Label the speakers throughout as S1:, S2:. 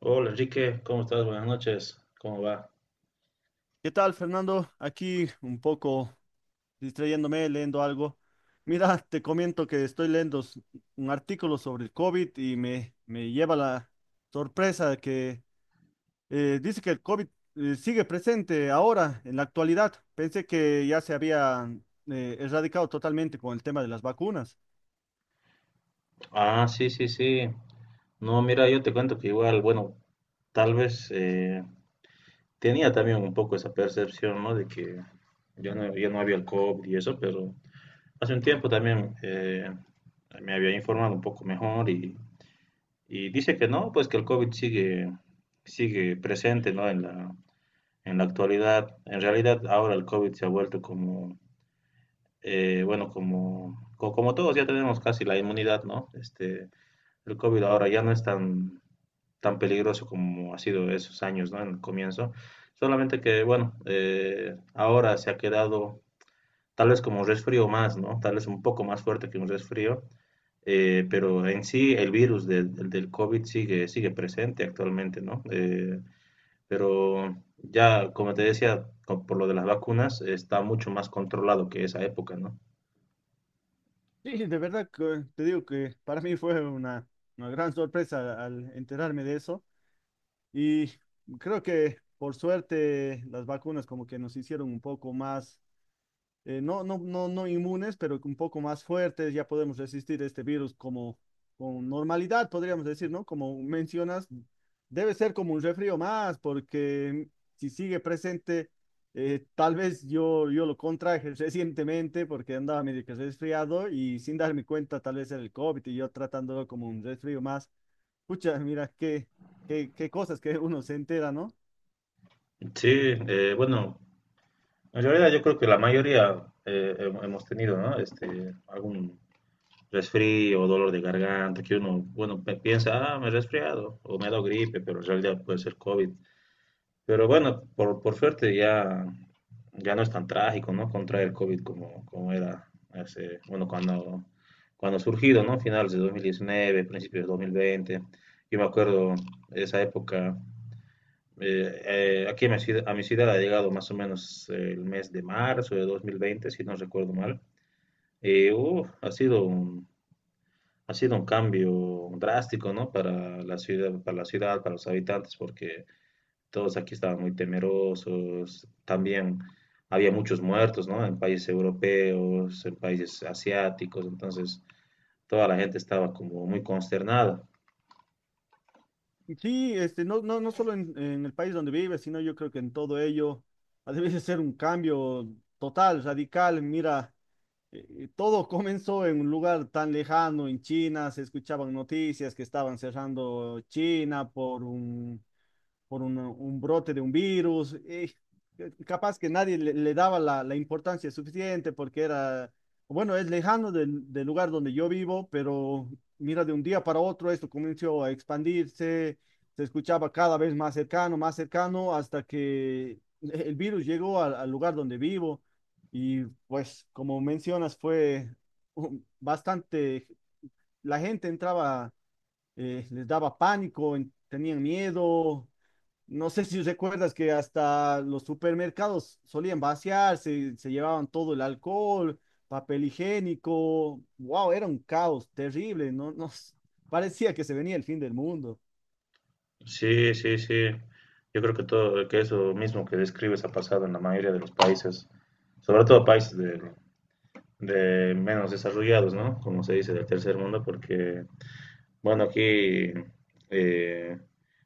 S1: Hola Enrique, ¿cómo estás? Buenas noches, ¿cómo va?
S2: ¿Qué tal, Fernando? Aquí un poco distrayéndome, leyendo algo. Mira, te comento que estoy leyendo un artículo sobre el COVID y me lleva la sorpresa de que dice que el COVID sigue presente ahora, en la actualidad. Pensé que ya se había erradicado totalmente con el tema de las vacunas.
S1: Ah, sí, sí, sí. No, mira, yo te cuento que igual, bueno, tal vez tenía también un poco esa percepción, ¿no? De que ya no, ya no había el COVID y eso, pero hace un tiempo también me había informado un poco mejor y dice que no, pues que el COVID sigue, sigue presente, ¿no? En la actualidad. En realidad, ahora el COVID se ha vuelto como bueno, como todos ya tenemos casi la inmunidad, ¿no? Este, el COVID ahora ya no es tan peligroso como ha sido esos años, ¿no? En el comienzo. Solamente que, bueno, ahora se ha quedado tal vez como un resfrío más, ¿no? Tal vez un poco más fuerte que un resfrío, pero en sí el virus del COVID sigue, sigue presente actualmente, ¿no? Pero ya, como te decía, por lo de las vacunas, está mucho más controlado que esa época, ¿no?
S2: Sí, de verdad que te digo que para mí fue una gran sorpresa al enterarme de eso. Y creo que por suerte las vacunas como que nos hicieron un poco más, no inmunes, pero un poco más fuertes, ya podemos resistir este virus como con normalidad, podríamos decir, ¿no? Como mencionas, debe ser como un refrío más, porque si sigue presente, tal vez yo lo contraje recientemente porque andaba medio que resfriado y sin darme cuenta tal vez era el COVID y yo tratándolo como un resfrío más. Pucha, mira, qué cosas que uno se entera, ¿no?
S1: Sí, bueno, en realidad yo creo que la mayoría hemos tenido, ¿no? Este, algún resfrío o dolor de garganta que uno, bueno, piensa, ah, me he resfriado o me he dado gripe, pero en realidad puede ser COVID. Pero bueno, por suerte ya, ya no es tan trágico, ¿no? Contraer el COVID como, como era hace, bueno, cuando ha surgido, ¿no? Finales de 2019, principios de 2020. Yo me acuerdo esa época. Aquí a a mi ciudad ha llegado más o menos el mes de marzo de 2020, si no recuerdo mal. Uf, ha sido ha sido un cambio drástico, ¿no? Para la ciudad, para la ciudad, para los habitantes, porque todos aquí estaban muy temerosos. También había muchos muertos, ¿no? En países europeos, en países asiáticos, entonces toda la gente estaba como muy consternada.
S2: Y sí, este, no, no, no solo en el país donde vive, sino yo creo que en todo ello ha de ser un cambio total, radical. Mira, todo comenzó en un lugar tan lejano, en China, se escuchaban noticias que estaban cerrando China por un, un brote de un virus. Capaz que nadie le daba la importancia suficiente porque era, bueno, es lejano del lugar donde yo vivo, pero mira, de un día para otro esto comenzó a expandirse, se escuchaba cada vez más cercano, hasta que el virus llegó al lugar donde vivo. Y pues, como mencionas, fue bastante, la gente entraba, les daba pánico, tenían miedo, no sé si recuerdas que hasta los supermercados solían vaciarse, se llevaban todo el alcohol, papel higiénico. Wow, era un caos terrible, no, no, parecía que se venía el fin del mundo.
S1: Sí, sí, sí. Yo creo que todo, que eso mismo que describes ha pasado en la mayoría de los países, sobre todo países de menos desarrollados, ¿no? Como se dice, del tercer mundo, porque, bueno, aquí, eh,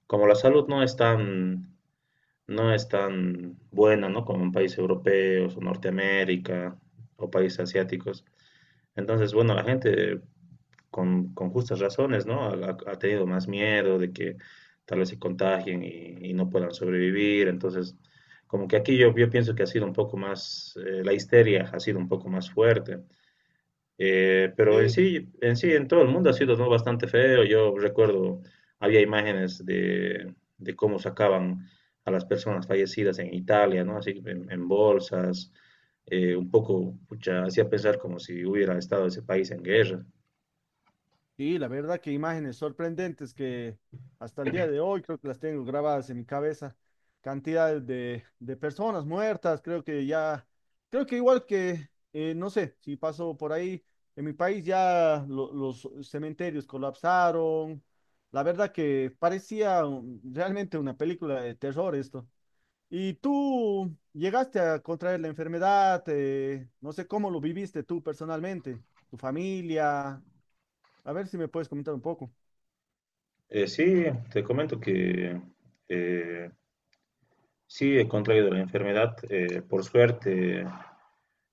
S1: como la salud no es tan, no es tan buena, ¿no? Como en países europeos o Norteamérica o países asiáticos. Entonces, bueno, la gente con justas razones, ¿no? Ha tenido más miedo de que tal vez se contagien y no puedan sobrevivir. Entonces, como que aquí yo pienso que ha sido un poco más, la histeria ha sido un poco más fuerte. Pero en sí, en sí, en todo el mundo ha sido, ¿no? Bastante feo. Yo recuerdo, había imágenes de cómo sacaban a las personas fallecidas en Italia, ¿no? Así en bolsas, un poco, pucha, hacía pensar como si hubiera estado ese país en guerra.
S2: Sí, la verdad que imágenes sorprendentes que hasta el día de hoy creo que las tengo grabadas en mi cabeza. Cantidades de personas muertas, creo que ya, creo que igual que, no sé, si pasó por ahí, en mi país ya los cementerios colapsaron. La verdad que parecía realmente una película de terror esto. ¿Y tú llegaste a contraer la enfermedad? No sé cómo lo viviste tú personalmente, tu familia. A ver si me puedes comentar un poco.
S1: Sí, te comento que eh, sí he contraído la enfermedad, por suerte.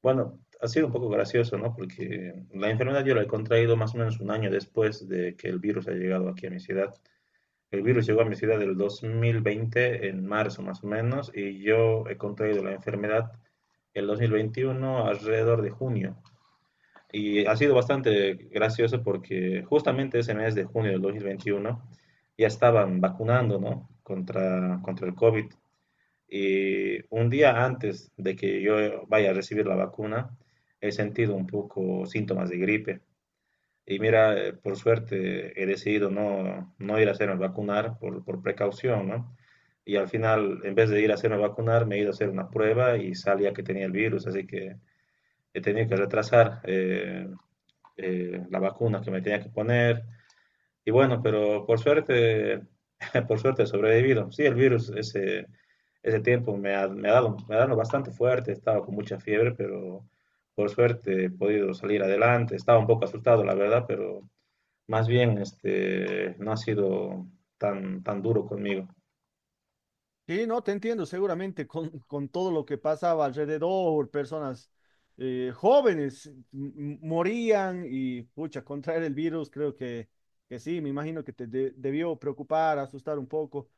S1: Bueno, ha sido un poco gracioso, ¿no? Porque la enfermedad yo la he contraído más o menos un año después de que el virus ha llegado aquí a mi ciudad. El virus llegó a mi ciudad el 2020, en marzo más o menos, y yo he contraído la enfermedad el 2021 alrededor de junio. Y ha sido bastante gracioso porque justamente ese mes de junio del 2021 ya estaban vacunando, ¿no? Contra, contra el COVID y un día antes de que yo vaya a recibir la vacuna, he sentido un poco síntomas de gripe. Y mira, por suerte he decidido no, no ir a hacerme vacunar por precaución, ¿no? Y al final, en vez de ir a hacerme vacunar, me he ido a hacer una prueba y salía que tenía el virus, así que he tenido que retrasar la vacuna que me tenía que poner. Y bueno, pero por suerte, por suerte he sobrevivido. Sí, el virus ese, ese tiempo me me ha dado bastante fuerte, estaba con mucha fiebre, pero por suerte he podido salir adelante. Estaba un poco asustado, la verdad, pero más bien este, no ha sido tan, tan duro conmigo.
S2: Sí, no, te entiendo, seguramente con todo lo que pasaba alrededor, personas jóvenes m- morían y, pucha, contraer el virus, creo que sí, me imagino que te debió preocupar, asustar un poco.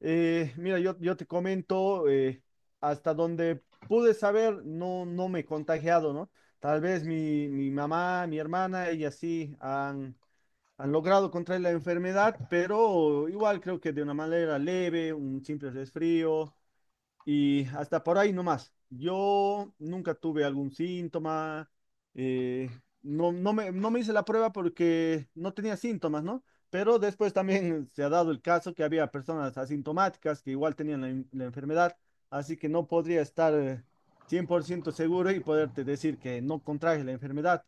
S2: Mira, yo te comento, hasta donde pude saber, no, no me he contagiado, ¿no? Tal vez mi mamá, mi hermana, ellas sí han logrado contraer la enfermedad, pero igual creo que de una manera leve, un simple resfrío y hasta por ahí nomás. Yo nunca tuve algún síntoma, no, no me hice la prueba porque no tenía síntomas, ¿no? Pero después también se ha dado el caso que había personas asintomáticas que igual tenían la enfermedad, así que no podría estar 100% seguro y poderte decir que no contraje la enfermedad.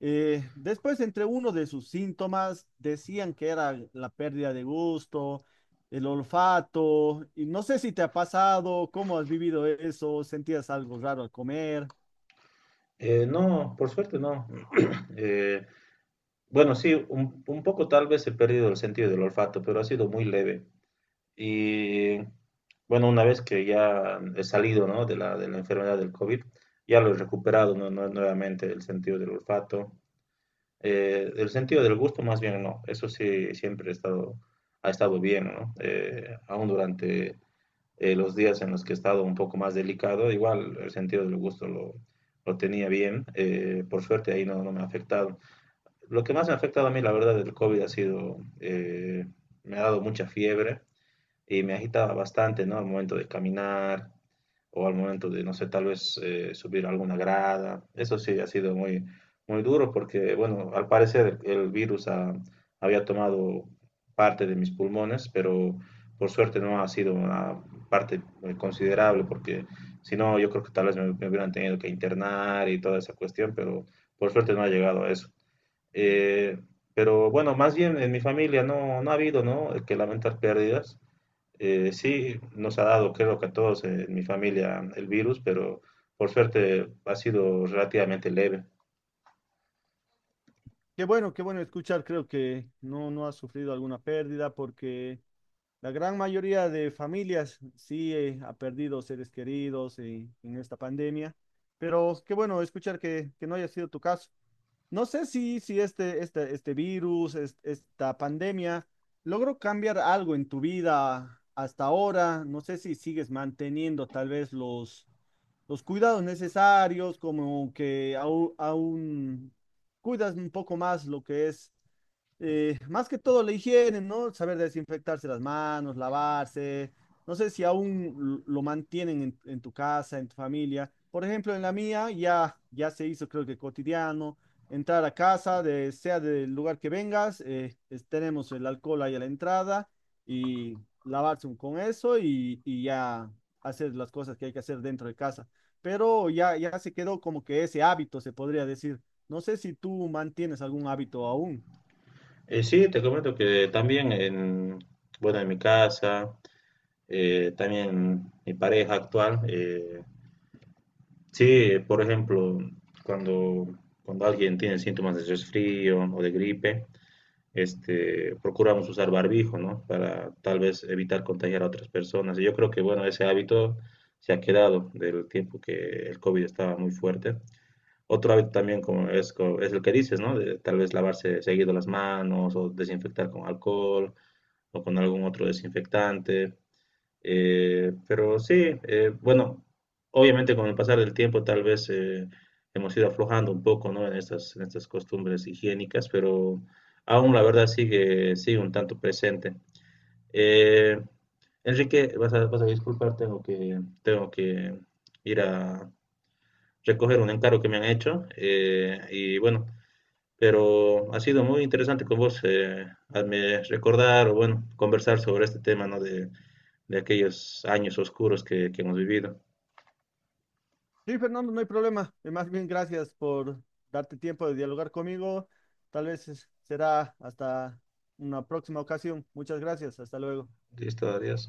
S2: Después, entre uno de sus síntomas, decían que era la pérdida de gusto, el olfato, y no sé si te ha pasado, cómo has vivido eso, sentías algo raro al comer.
S1: No, por suerte no. Eh, bueno, sí, un poco tal vez he perdido el sentido del olfato, pero ha sido muy leve. Y bueno, una vez que ya he salido, ¿no? De la, de la enfermedad del COVID, ya lo he recuperado, ¿no? Nuevamente el sentido del olfato. El sentido del gusto, más bien, no. Eso sí, siempre he estado, ha estado bien, ¿no? Aún durante los días en los que he estado un poco más delicado, igual el sentido del gusto lo tenía bien. Por suerte ahí no, no me ha afectado. Lo que más me ha afectado a mí, la verdad, del COVID ha sido, me ha dado mucha fiebre y me agitaba bastante, ¿no? Al momento de caminar o al momento de, no sé, tal vez subir alguna grada. Eso sí ha sido muy, muy duro porque, bueno, al parecer el virus había tomado parte de mis pulmones, pero por suerte no ha sido una parte considerable porque si no, yo creo que tal vez me hubieran tenido que internar y toda esa cuestión, pero por suerte no ha llegado a eso. Eh, pero bueno, más bien en mi familia no, no ha habido, ¿no? Que lamentar pérdidas. Sí, nos ha dado, creo que a todos en mi familia, el virus, pero por suerte ha sido relativamente leve.
S2: Qué bueno escuchar, creo que no, no has sufrido alguna pérdida porque la gran mayoría de familias sí ha perdido seres queridos en esta pandemia, pero qué bueno escuchar que no haya sido tu caso. No sé si, si este, este virus, esta pandemia, logró cambiar algo en tu vida hasta ahora. No sé si sigues manteniendo tal vez los cuidados necesarios, como que aún, cuidas un poco más lo que es, más que todo la higiene, ¿no? Saber desinfectarse las manos, lavarse. No sé si aún lo mantienen en, tu casa, en tu familia. Por ejemplo, en la mía ya, ya se hizo, creo que cotidiano, entrar a casa, sea del lugar que vengas, tenemos el alcohol ahí a la entrada y lavarse con eso y ya hacer las cosas que hay que hacer dentro de casa, pero ya, ya se quedó como que ese hábito, se podría decir. No sé si tú mantienes algún hábito aún.
S1: Sí, te comento que también en, bueno, en mi casa, también mi pareja actual, sí, por ejemplo, cuando, cuando alguien tiene síntomas de resfrío o de gripe, este, procuramos usar barbijo, ¿no? Para tal vez evitar contagiar a otras personas. Y yo creo que, bueno, ese hábito se ha quedado del tiempo que el COVID estaba muy fuerte. Otro hábito también como es, es el que dices, ¿no? De tal vez lavarse seguido las manos o desinfectar con alcohol o con algún otro desinfectante. Pero sí, bueno, obviamente con el pasar del tiempo tal vez hemos ido aflojando un poco, ¿no? En estas costumbres higiénicas, pero aún la verdad sigue, sigue un tanto presente. Eh, Enrique, vas a disculpar, tengo que ir a recoger un encargo que me han hecho, y bueno, pero ha sido muy interesante con vos, hazme recordar o bueno, conversar sobre este tema, ¿no? De aquellos años oscuros que hemos vivido.
S2: Sí, Fernando, no hay problema. Más bien, gracias por darte tiempo de dialogar conmigo. Tal vez será hasta una próxima ocasión. Muchas gracias. Hasta luego.
S1: Listo, adiós.